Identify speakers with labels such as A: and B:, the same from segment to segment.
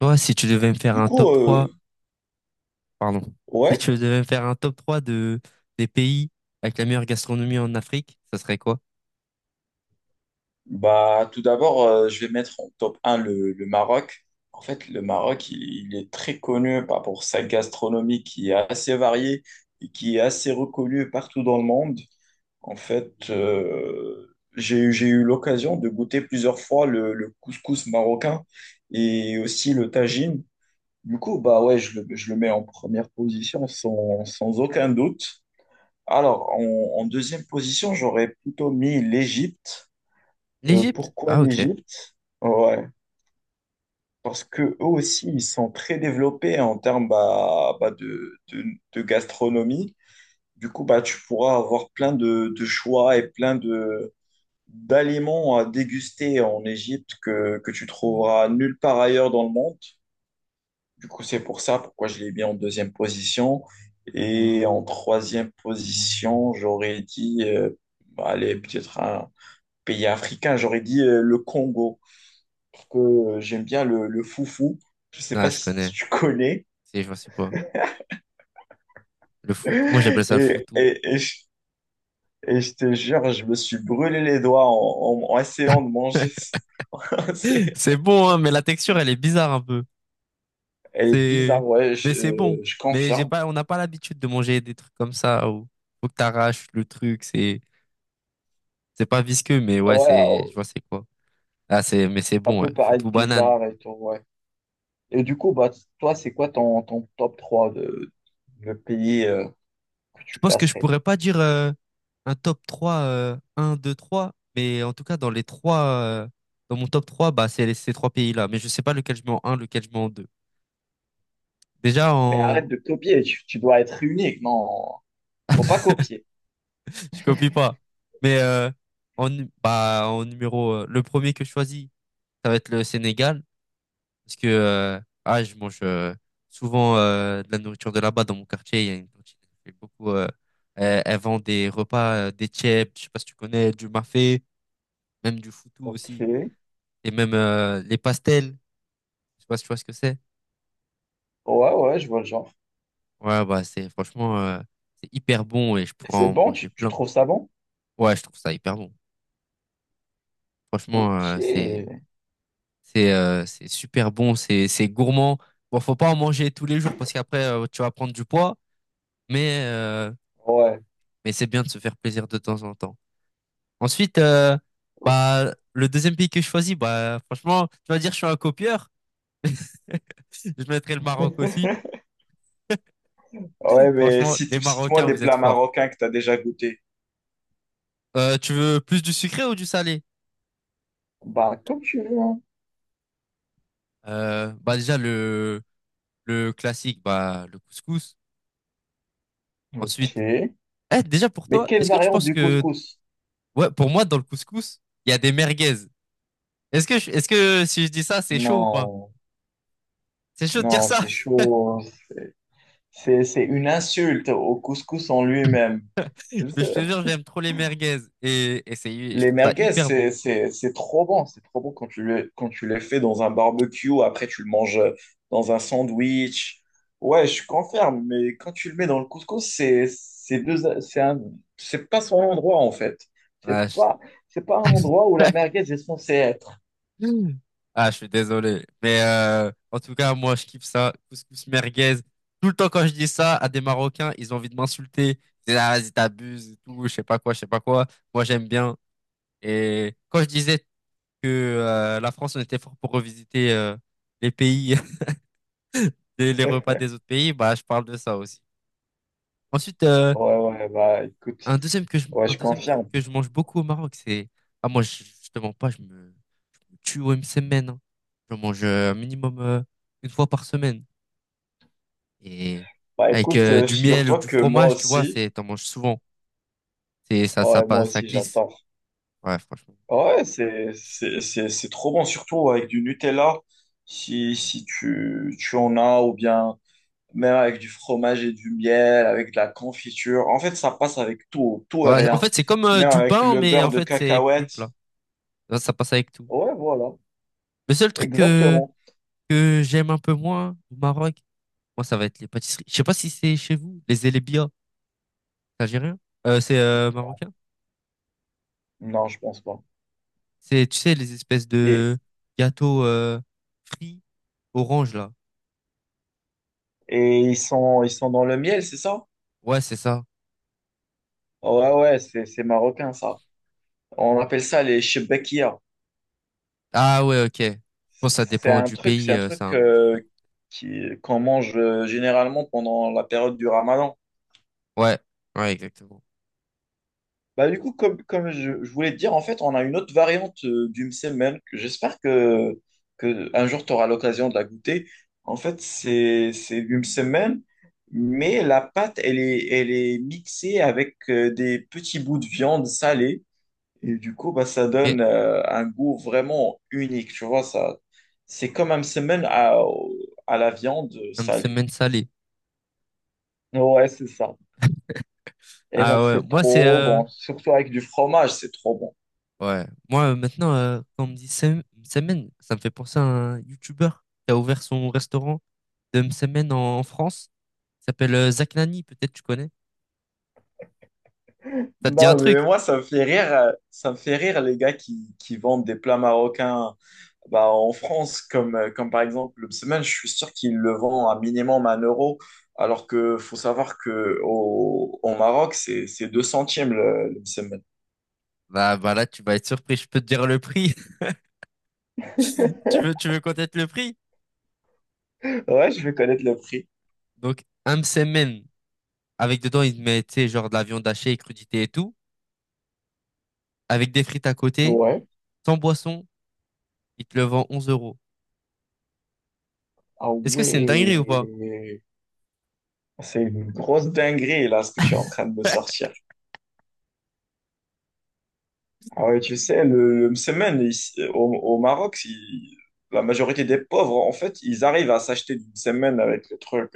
A: Toi, si tu devais me faire
B: Du
A: un
B: coup,
A: top 3
B: euh,
A: pardon, si
B: ouais,
A: tu devais me faire un top 3 des pays avec la meilleure gastronomie en Afrique, ça serait quoi?
B: bah tout d'abord, je vais mettre en top un le Maroc. En fait, le Maroc, il est très connu bah, pour sa gastronomie qui est assez variée et qui est assez reconnue partout dans le monde. En fait, j'ai eu l'occasion de goûter plusieurs fois le couscous marocain et aussi le tagine. Du coup, bah ouais, je le mets en première position sans aucun doute. Alors, en deuxième position, j'aurais plutôt mis l'Égypte.
A: L'Égypte?
B: Pourquoi
A: Ah, ok.
B: l'Égypte? Ouais, parce que eux aussi, ils sont très développés en termes de gastronomie. Du coup, bah, tu pourras avoir plein de choix et plein de d'aliments à déguster en Égypte que tu trouveras nulle part ailleurs dans le monde. Du coup, c'est pour ça pourquoi je l'ai mis en deuxième position. Et en troisième position, j'aurais dit, bah, allez, peut-être un pays africain, j'aurais dit le Congo. Parce que j'aime bien le foufou. Je sais
A: Ah,
B: pas
A: je
B: si
A: connais.
B: tu connais.
A: Si, je vois c'est quoi. Le foot. Moi, j'appelle
B: Et,
A: ça le foutou.
B: et, et je, et je te jure, je me suis brûlé les doigts en essayant de manger ça. C'est-
A: C'est bon, hein, mais la texture, elle est bizarre un peu.
B: Elle est
A: C'est,
B: bizarre, ouais,
A: mais c'est bon.
B: je
A: Mais j'ai
B: confirme.
A: pas, on n'a pas l'habitude de manger des trucs comme ça où faut que t'arraches le truc. C'est pas visqueux, mais
B: Ah
A: ouais,
B: ouais,
A: c'est, je
B: oh,
A: vois c'est quoi. Ah, c'est, mais c'est
B: ça
A: bon, ouais.
B: peut paraître
A: Foutou banane.
B: bizarre et tout, ouais. Et du coup, bah, toi, c'est quoi ton top 3 de pays que
A: Je
B: tu
A: pense que je
B: classerais?
A: pourrais pas dire un top 3 1, 2, 3, mais en tout cas, dans les trois, dans mon top 3 bah, c'est ces trois pays-là. Mais je sais pas lequel je mets en 1, lequel je mets en 2. Déjà,
B: Mais arrête
A: en...
B: de copier, tu dois être unique, non. Faut pas copier.
A: Je copie pas. Mais bah, en numéro, le premier que je choisis, ça va être le Sénégal. Parce que ah, je mange souvent de la nourriture de là-bas dans mon quartier. Il y a une cantine qui fait beaucoup. Elle vend des repas, des tchèps, je sais pas si tu connais, du mafé, même du foutou
B: Ok.
A: aussi.
B: Ouais,
A: Et même les pastels, je sais pas si tu vois ce que c'est.
B: ouais, je vois le genre.
A: Ouais, bah c'est franchement c'est hyper bon et je pourrais
B: C'est
A: en
B: bon,
A: manger
B: tu
A: plein.
B: trouves ça bon?
A: Ouais, je trouve ça hyper bon. Franchement,
B: Ok.
A: c'est c'est super bon, c'est gourmand. Bon, faut pas en manger tous les jours parce qu'après tu vas prendre du poids, mais euh,
B: Ouais.
A: mais c'est bien de se faire plaisir de temps en temps. Ensuite, bah le deuxième pays que je choisis, bah franchement, tu vas dire je suis un copieur. Je mettrai le Maroc aussi.
B: Ouais, mais
A: Franchement, les
B: cite-moi
A: Marocains,
B: des
A: vous êtes
B: plats
A: forts.
B: marocains que tu as déjà goûté.
A: Tu veux plus du sucré ou du salé?
B: Bah, comme tu veux, hein.
A: Bah déjà le classique, bah le couscous.
B: Ok.
A: Ensuite, eh déjà pour
B: Mais
A: toi,
B: quelle
A: est-ce que tu
B: variante
A: penses
B: du
A: que
B: couscous?
A: ouais pour moi dans le couscous il y a des merguez. Est-ce que si je dis ça c'est chaud ou pas?
B: Non,
A: C'est chaud de dire
B: non,
A: ça.
B: c'est chaud. C'est c'est une insulte au couscous en lui-même.
A: Mais je te jure j'aime trop les merguez et c'est je
B: Les
A: trouve ça
B: merguez,
A: hyper bon.
B: c'est trop bon. C'est trop bon quand quand tu les fais dans un barbecue. Après, tu le manges dans un sandwich. Ouais, je confirme. Mais quand tu le mets dans le couscous, c'est un, c'est pas son endroit, en fait. C'est
A: Ouais, je-
B: pas, c'est pas un endroit où la merguez est censée être.
A: Hmm. Ah, je suis désolé. Mais en tout cas, moi, je kiffe ça. Couscous merguez. Tout le temps, quand je dis ça à des Marocains, ils ont envie de m'insulter. Ils disent, ah, vas-y, t'abuses et tout, je sais pas quoi, je sais pas quoi. Moi, j'aime bien. Et quand je disais que la France, on était fort pour revisiter les pays, les repas des autres pays, bah, je parle de ça aussi. Ensuite,
B: Ouais, ouais, bah, écoute. Ouais,
A: un
B: je
A: deuxième truc
B: confirme.
A: que je mange beaucoup au Maroc, c'est... Ah, je te mens pas, je me... tue une semaine. Hein. J'en mange un minimum une fois par semaine. Et
B: Bah,
A: avec
B: écoute,
A: du miel ou
B: figure-toi
A: du
B: que moi
A: fromage, tu vois,
B: aussi,
A: c'est, t'en manges souvent. C'est,
B: ouais, moi
A: ça
B: aussi,
A: glisse.
B: j'adore.
A: Ouais, franchement.
B: Ouais, c'est trop bon, surtout avec du Nutella, si,
A: Ouais.
B: tu en as, ou bien même avec du fromage et du miel, avec de la confiture. En fait, ça passe avec tout, tout et
A: Ouais, en
B: rien.
A: fait, c'est comme
B: Même
A: du
B: avec
A: pain,
B: le
A: mais
B: beurre
A: en
B: de
A: fait, c'est plus
B: cacahuète.
A: plat. Là, ça passe avec tout.
B: Ouais, voilà,
A: Le seul truc
B: exactement.
A: que j'aime un peu moins au Maroc, moi, ça va être les pâtisseries. Je sais pas si c'est chez vous, les élébia, c'est algérien. C'est marocain.
B: Non, je pense pas.
A: C'est, tu sais, les espèces
B: Et,
A: de gâteaux frits orange, là.
B: et ils sont dans le miel, c'est ça?
A: Ouais, c'est ça.
B: Ouais, ouais, c'est marocain, ça. On appelle ça les chebekia.
A: Ah ouais, ok. Je pense que ça dépend du
B: C'est
A: pays,
B: un
A: c'est
B: truc
A: un nom différent.
B: qui qu'on mange généralement pendant la période du Ramadan.
A: Ouais, ouais, exactement.
B: Bah du coup, comme je voulais te dire, en fait, on a une autre variante du msemen. Que j'espère que un jour tu auras l'occasion de la goûter. En fait, c'est du msemen, mais la pâte, elle est mixée avec des petits bouts de viande salée. Et du coup, bah, ça
A: Ok.
B: donne un goût vraiment unique, tu vois, ça, c'est comme un semaine à la viande
A: Un
B: salée.
A: semaine salé.
B: Ouais, c'est ça. Et
A: Ah
B: genre,
A: ouais,
B: c'est
A: moi c'est...
B: trop bon. Surtout avec du fromage, c'est trop bon.
A: ouais, moi maintenant, quand on me dit semaine, ça me fait penser à un YouTuber qui a ouvert son restaurant de semaine en France. Il s'appelle Zach Nani, peut-être tu connais. Ça te dit un
B: Non,
A: truc?
B: mais moi, ça me fait rire, ça me fait rire les gars qui vendent des plats marocains bah, en France, comme, comme par exemple le semaine, je suis sûr qu'ils le vendent à minimum un euro, alors que faut savoir que au Maroc, c'est 2 centimes le msemen.
A: Bah, bah là, tu vas être surpris, je peux te dire le prix. Tu veux connaître le prix?
B: Ouais, je vais connaître le prix.
A: Donc, un semaine avec dedans, il met, tu sais, genre de la viande hachée et crudité et tout, avec des frites à côté.
B: Ouais.
A: Sans boisson, il te le vend 11 euros.
B: Ah
A: Est-ce que c'est une dinguerie ou pas?
B: ouais. C'est une grosse dinguerie, là, ce que tu es en train de me sortir. Ah ouais, tu sais, le semaine, ici, au Maroc, si- la majorité des pauvres, en fait, ils arrivent à s'acheter une semaine avec le truc.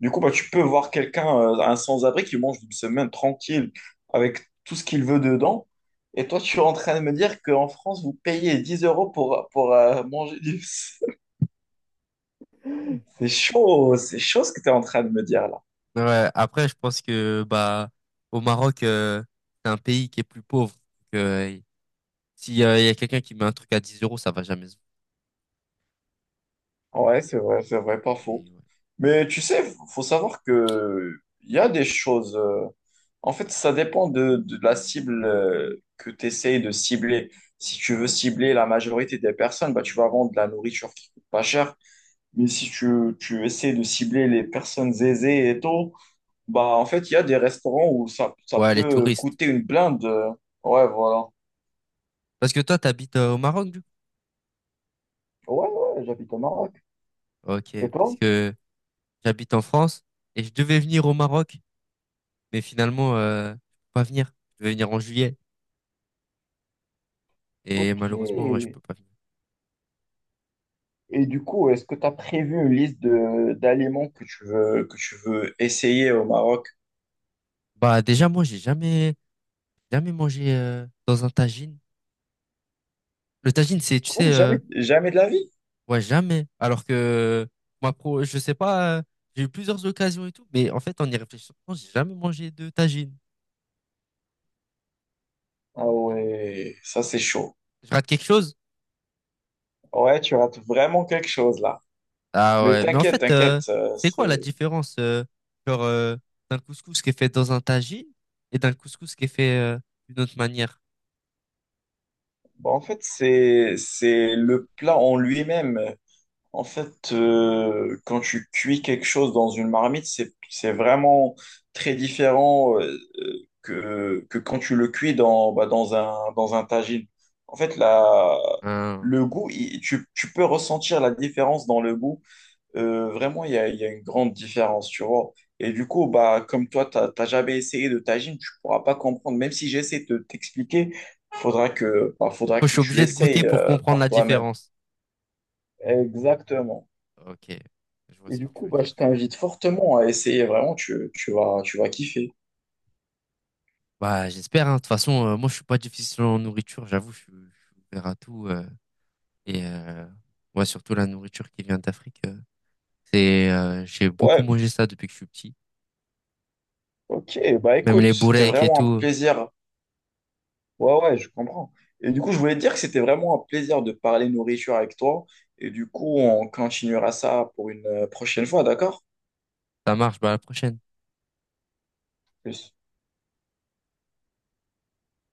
B: Du coup, bah, tu peux voir quelqu'un, un sans-abri, qui mange une semaine tranquille, avec tout ce qu'il veut dedans. Et toi, tu es en train de me dire qu'en France, vous payez 10 euros pour manger du... Msemen. C'est chaud ce que tu es en train de me dire, là.
A: Ouais, après, je pense que bah au Maroc, c'est un pays qui est plus pauvre. Donc, si il y a quelqu'un qui met un truc à 10 euros, ça va jamais se vendre.
B: Ouais, c'est vrai, pas
A: Mais
B: faux.
A: ouais.
B: Mais tu sais, faut savoir que il y a des choses, en fait, ça dépend de la cible que tu essayes de cibler. Si tu veux cibler la majorité des personnes, bah, tu vas vendre de la nourriture qui coûte pas cher. Mais si tu essaies de cibler les personnes aisées et tout, bah, en fait, il y a des restaurants où ça
A: Ouais, les
B: peut
A: touristes.
B: coûter une blinde, euh. Ouais, voilà.
A: Parce que toi, t'habites au Maroc, du coup?
B: Ouais, ouais, j'habite au Maroc.
A: Ok,
B: Et
A: parce
B: toi?
A: que j'habite en France et je devais venir au Maroc, mais finalement, je peux pas venir. Je devais venir en juillet et
B: Ok.
A: malheureusement, ouais, je peux pas venir.
B: Et du coup, est-ce que tu as prévu une liste de d'aliments que tu veux essayer au Maroc?
A: Bah déjà, moi, j'ai jamais mangé dans un tagine. Le tagine, c'est, tu sais,
B: Non, jamais, jamais de la vie.
A: Ouais, jamais. Alors que moi, pro, je sais pas, j'ai eu plusieurs occasions et tout, mais en fait, en y réfléchissant, j'ai jamais mangé de tagine.
B: Ah ouais, ça c'est chaud.
A: Je rate quelque chose?
B: Ouais, tu rates vraiment quelque chose là.
A: Ah
B: Mais
A: ouais, mais en
B: t'inquiète,
A: fait,
B: t'inquiète,
A: c'est quoi la
B: c'est
A: différence genre, d'un couscous qui est fait dans un tagine et d'un couscous qui est fait d'une autre manière?
B: bon, en fait c'est le plat en lui-même. En fait, quand tu cuis quelque chose dans une marmite, c'est vraiment très différent que quand tu le cuis dans, bah, dans un tagine. En fait, la,
A: Hein.
B: le goût, il- tu peux ressentir la différence dans le goût. Vraiment, il y a une grande différence, tu vois. Et du coup, bah, comme toi, tu n'as jamais essayé de tagine, tu pourras pas comprendre. Même si j'essaie de t'expliquer, faudra
A: Faut- Je
B: que
A: suis
B: tu
A: obligé de goûter
B: essayes
A: pour comprendre
B: par
A: la
B: toi-même.
A: différence.
B: Exactement.
A: Ok, je vois
B: Et
A: ce que
B: du
A: tu
B: coup,
A: veux
B: bah, je
A: dire.
B: t'invite fortement à essayer, vraiment, tu vas kiffer.
A: Bah, j'espère, hein. De toute façon, moi, je suis pas difficile en nourriture, j'avoue, je suis ouvert à tout. Euh, et ouais, surtout la nourriture qui vient d'Afrique. Euh, c'est, j'ai beaucoup
B: Ouais,
A: mangé ça depuis que je suis petit.
B: ok, bah
A: Même les
B: écoute, c'était
A: boureks et
B: vraiment un
A: tout,
B: plaisir. Ouais, ouais, je comprends. Et du coup, je voulais te dire que c'était vraiment un plaisir de parler nourriture avec toi. Et du coup, on continuera ça pour une prochaine fois, d'accord?
A: ça marche. Bah, à la prochaine.